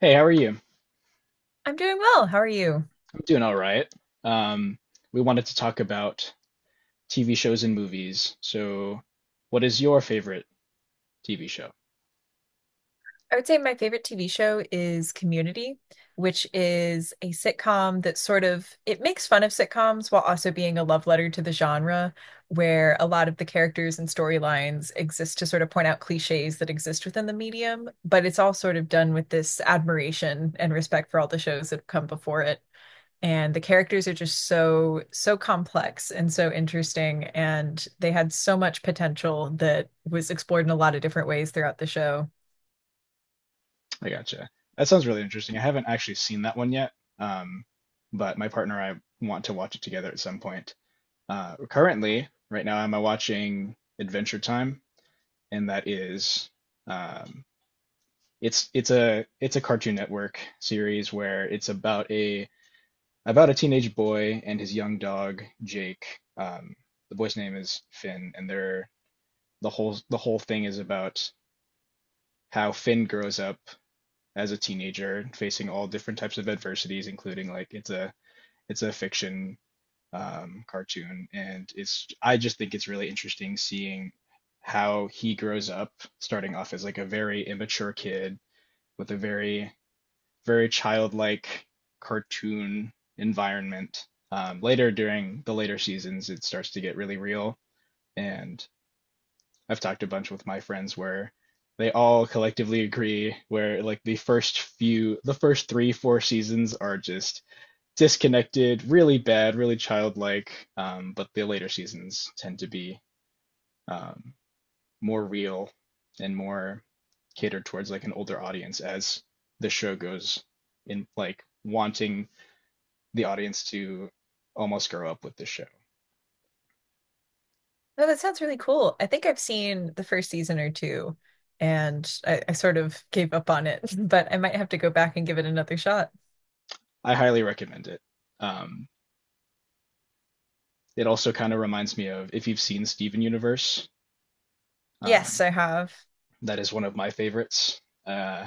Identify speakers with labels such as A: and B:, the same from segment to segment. A: Hey, how are you?
B: I'm doing well. How are you?
A: I'm doing all right. Um, we wanted to talk about TV shows and movies. So, what is your favorite TV show?
B: I would say my favorite TV show is Community, which is a sitcom that sort of it makes fun of sitcoms while also being a love letter to the genre, where a lot of the characters and storylines exist to sort of point out cliches that exist within the medium, but it's all sort of done with this admiration and respect for all the shows that have come before it. And the characters are just so complex and so interesting, and they had so much potential that was explored in a lot of different ways throughout the show.
A: I gotcha. That sounds really interesting. I haven't actually seen that one yet, um, but my partner and I want to watch it together at some point. Currently, right now, I'm watching Adventure Time, and that is um, it's a Cartoon Network series where it's about a teenage boy and his young dog Jake. The boy's name is Finn, and they're the whole thing is about how Finn grows up as a teenager, facing all different types of adversities, including like it's a fiction cartoon, and it's I just think it's really interesting seeing how he grows up, starting off as like a very immature kid with a very childlike cartoon environment. Later during the later seasons, it starts to get really real. And I've talked a bunch with my friends where they all collectively agree where like the first few, the first three, four seasons are just disconnected, really bad, really childlike. But the later seasons tend to be um, more real and more catered towards like an older audience as the show goes in like wanting the audience to almost grow up with the show.
B: No, that sounds really cool. I think I've seen the first season or two, and I sort of gave up on it, but I might have to go back and give it another shot.
A: I highly recommend it. Um, it also kind of reminds me of if you've seen Steven Universe,
B: Yes,
A: um,
B: I have.
A: that is one of my favorites. Uh,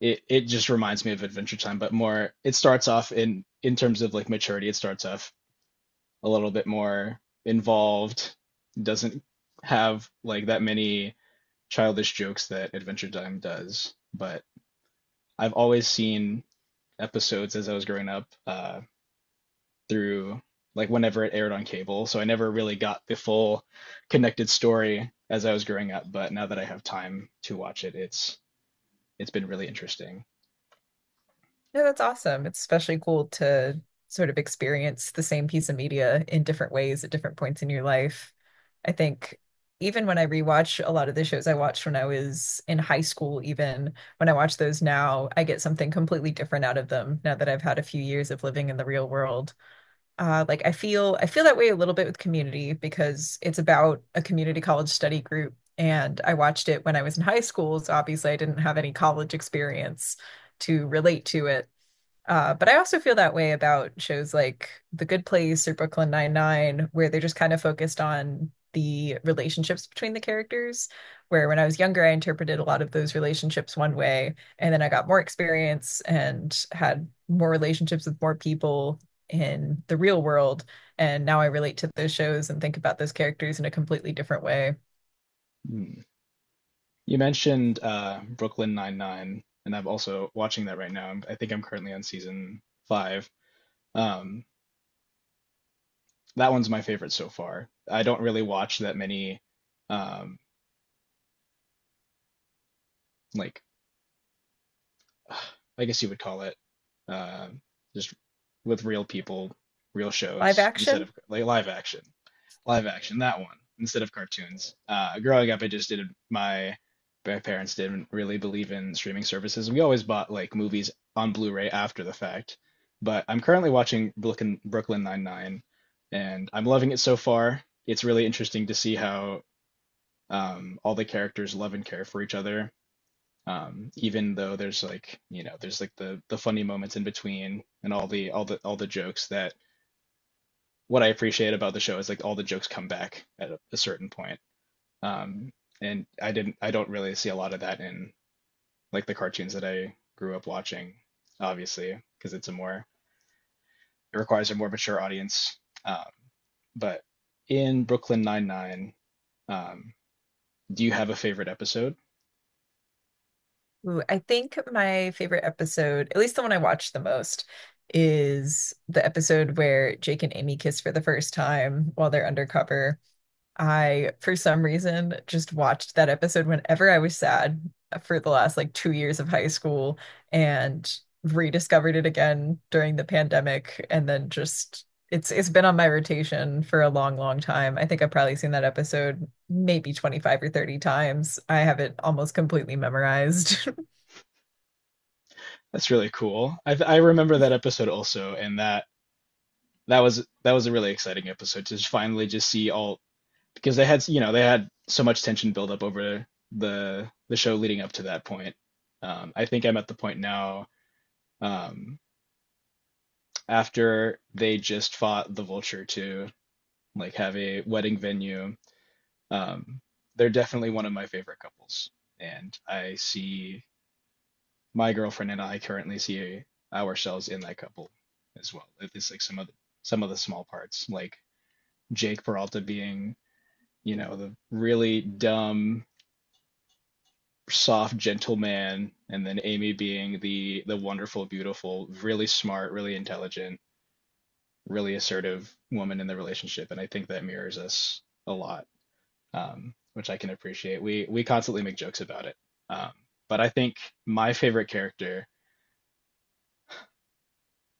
A: it just reminds me of Adventure Time, but more. It starts off in terms of like maturity. It starts off a little bit more involved. Doesn't have like that many childish jokes that Adventure Time does, but I've always seen episodes as I was growing up through like whenever it aired on cable. So I never really got the full connected story as I was growing up, but now that I have time to watch it, it's been really interesting.
B: No, that's awesome. It's especially cool to sort of experience the same piece of media in different ways at different points in your life. I think even when I rewatch a lot of the shows I watched when I was in high school, even when I watch those now, I get something completely different out of them now that I've had a few years of living in the real world. Like I feel that way a little bit with Community because it's about a community college study group. And I watched it when I was in high school, so obviously I didn't have any college experience to relate to it. But I also feel that way about shows like The Good Place or Brooklyn Nine-Nine, where they're just kind of focused on the relationships between the characters. Where when I was younger, I interpreted a lot of those relationships one way, and then I got more experience and had more relationships with more people in the real world. And now I relate to those shows and think about those characters in a completely different way.
A: Hmm. You mentioned Brooklyn Nine-Nine, and I'm also watching that right now. I think I'm currently on season five. Um, that one's my favorite so far. I don't really watch that many um, like I guess you would call it, uh, just with real people, real
B: Live
A: shows instead
B: action.
A: of like live action that one instead of cartoons. Growing up, I just didn't. My parents didn't really believe in streaming services. We always bought like movies on Blu-ray after the fact. But I'm currently watching Brooklyn Nine Nine, and I'm loving it so far. It's really interesting to see how all the characters love and care for each other even though there's like there's like the funny moments in between and all the jokes that what I appreciate about the show is like all the jokes come back at a certain point um and I don't really see a lot of that in like the cartoons that I grew up watching obviously because it's a more it requires a more mature audience um but in Brooklyn Nine-Nine, um do you have a favorite episode?
B: Ooh, I think my favorite episode, at least the one I watched the most, is the episode where Jake and Amy kiss for the first time while they're undercover. I, for some reason, just watched that episode whenever I was sad for the last like 2 years of high school, and rediscovered it again during the pandemic. And then just it's been on my rotation for a long, long time. I think I've probably seen that episode maybe 25 or 30 times. I have it almost completely memorized.
A: That's really cool. I remember that episode also, and that that was a really exciting episode to just finally just see all because they had they had so much tension build up over the show leading up to that point. I think I'm at the point now um, after they just fought the vulture to like have a wedding venue. Um, they're definitely one of my favorite couples, and I see my girlfriend and I currently see ourselves in that couple as well. At least like some of the small parts, like Jake Peralta being the really dumb, soft, gentle man, and then Amy being the wonderful, beautiful, really smart, really intelligent, really assertive woman in the relationship. And I think that mirrors us a lot, which I can appreciate. We constantly make jokes about it. Um, but I think my favorite character,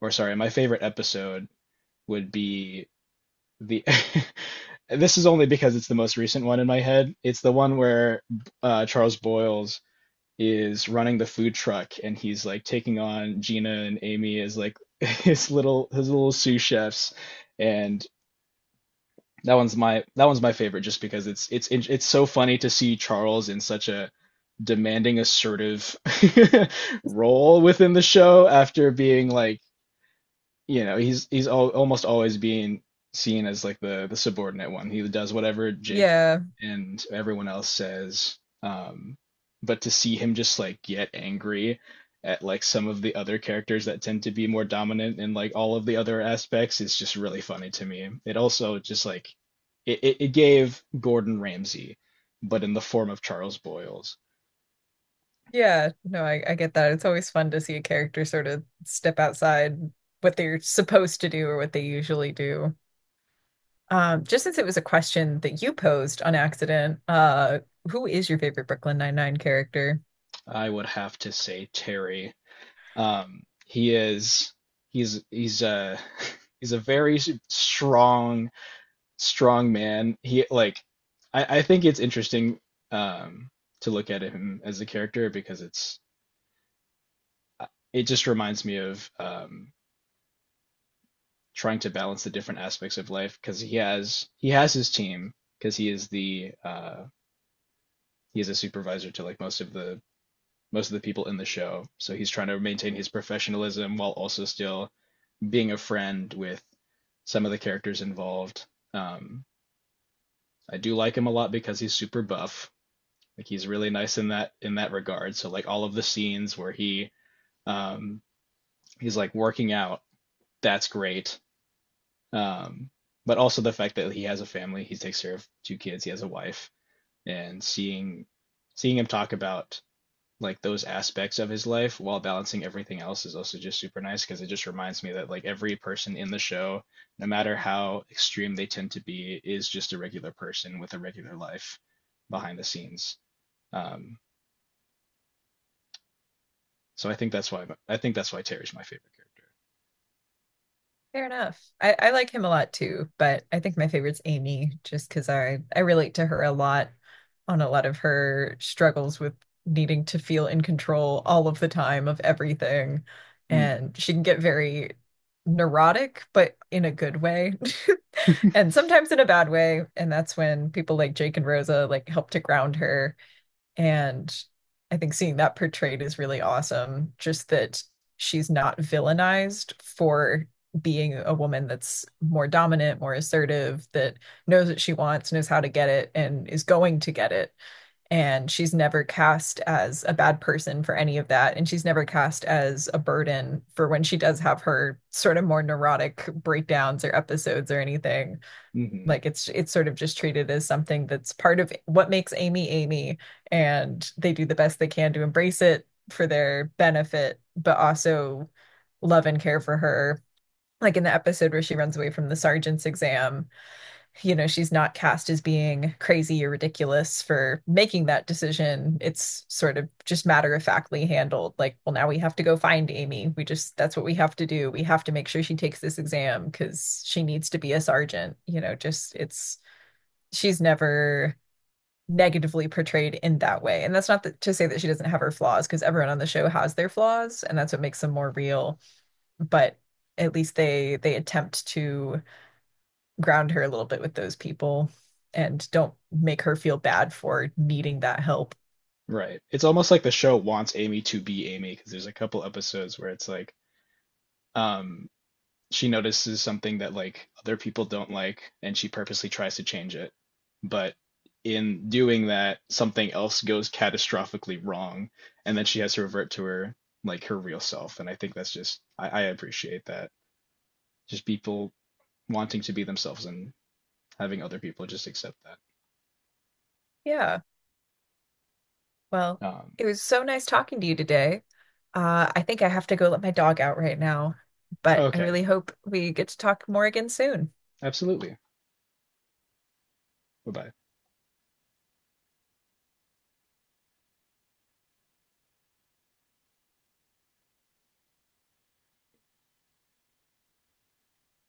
A: or sorry, my favorite episode would be the this is only because it's the most recent one in my head. It's the one where Charles Boyles is running the food truck and he's like taking on Gina and Amy as like his little sous chefs, and that one's my favorite just because it's so funny to see Charles in such a demanding assertive role within the show after being like he's al almost always being seen as like the subordinate one. He does whatever Jake
B: Yeah.
A: and everyone else says. Um, but to see him just like get angry at like some of the other characters that tend to be more dominant in like all of the other aspects is just really funny to me. It also just like it gave Gordon Ramsay, but in the form of Charles Boyles.
B: Yeah. No, I get that. It's always fun to see a character sort of step outside what they're supposed to do or what they usually do. Just since it was a question that you posed on accident, who is your favorite Brooklyn Nine-Nine character?
A: I would have to say Terry. He is he's a he's a very strong strong man. He like I think it's interesting um to look at him as a character because it's uh, it just reminds me of trying to balance the different aspects of life because he has his team because he is the he is a supervisor to like most of the people in the show. So he's trying to maintain his professionalism while also still being a friend with some of the characters involved. Um, I do like him a lot because he's super buff. Like he's really nice in that regard. So like all of the scenes where um, he's like working out, that's great. Um, but also the fact that he has a family, he takes care of two kids, he has a wife, and seeing him talk about like those aspects of his life while balancing everything else is also just super nice because it just reminds me that like every person in the show, no matter how extreme they tend to be, is just a regular person with a regular life behind the scenes. Um, so I think that's why Terry's my favorite
B: Fair enough. I like him a lot too, but I think my favorite's Amy just because I relate to her a lot on a lot of her struggles with needing to feel in control all of the time of everything.
A: character.
B: And she can get very neurotic, but in a good way,
A: Mm.
B: and sometimes in a bad way. And that's when people like Jake and Rosa like help to ground her, and I think seeing that portrayed is really awesome. Just that she's not villainized for being a woman that's more dominant, more assertive, that knows what she wants, knows how to get it, and is going to get it. And she's never cast as a bad person for any of that. And she's never cast as a burden for when she does have her sort of more neurotic breakdowns or episodes or anything.
A: Hmm.
B: Like it's sort of just treated as something that's part of what makes Amy Amy, and they do the best they can to embrace it for their benefit, but also love and care for her. Like in the episode where she runs away from the sergeant's exam, you know, she's not cast as being crazy or ridiculous for making that decision. It's sort of just matter of factly handled. Like, well, now we have to go find Amy. We just, that's what we have to do. We have to make sure she takes this exam because she needs to be a sergeant. You know, just it's she's never negatively portrayed in that way. And that's not to say that she doesn't have her flaws, because everyone on the show has their flaws, and that's what makes them more real. But at least they attempt to ground her a little bit with those people and don't make her feel bad for needing that help.
A: Right. It's almost like the show wants Amy to be Amy because there's a couple episodes where it's like um she notices something that like other people don't like and she purposely tries to change it, but in doing that something else goes catastrophically wrong, and then she has to revert to her like her real self, and I appreciate that just people wanting to be themselves and having other people just accept that.
B: Yeah. Well,
A: um
B: it was so nice talking to you today. I think I have to go let my dog out right now, but I
A: okay,
B: really hope we get to talk more again soon.
A: absolutely. Bye bye.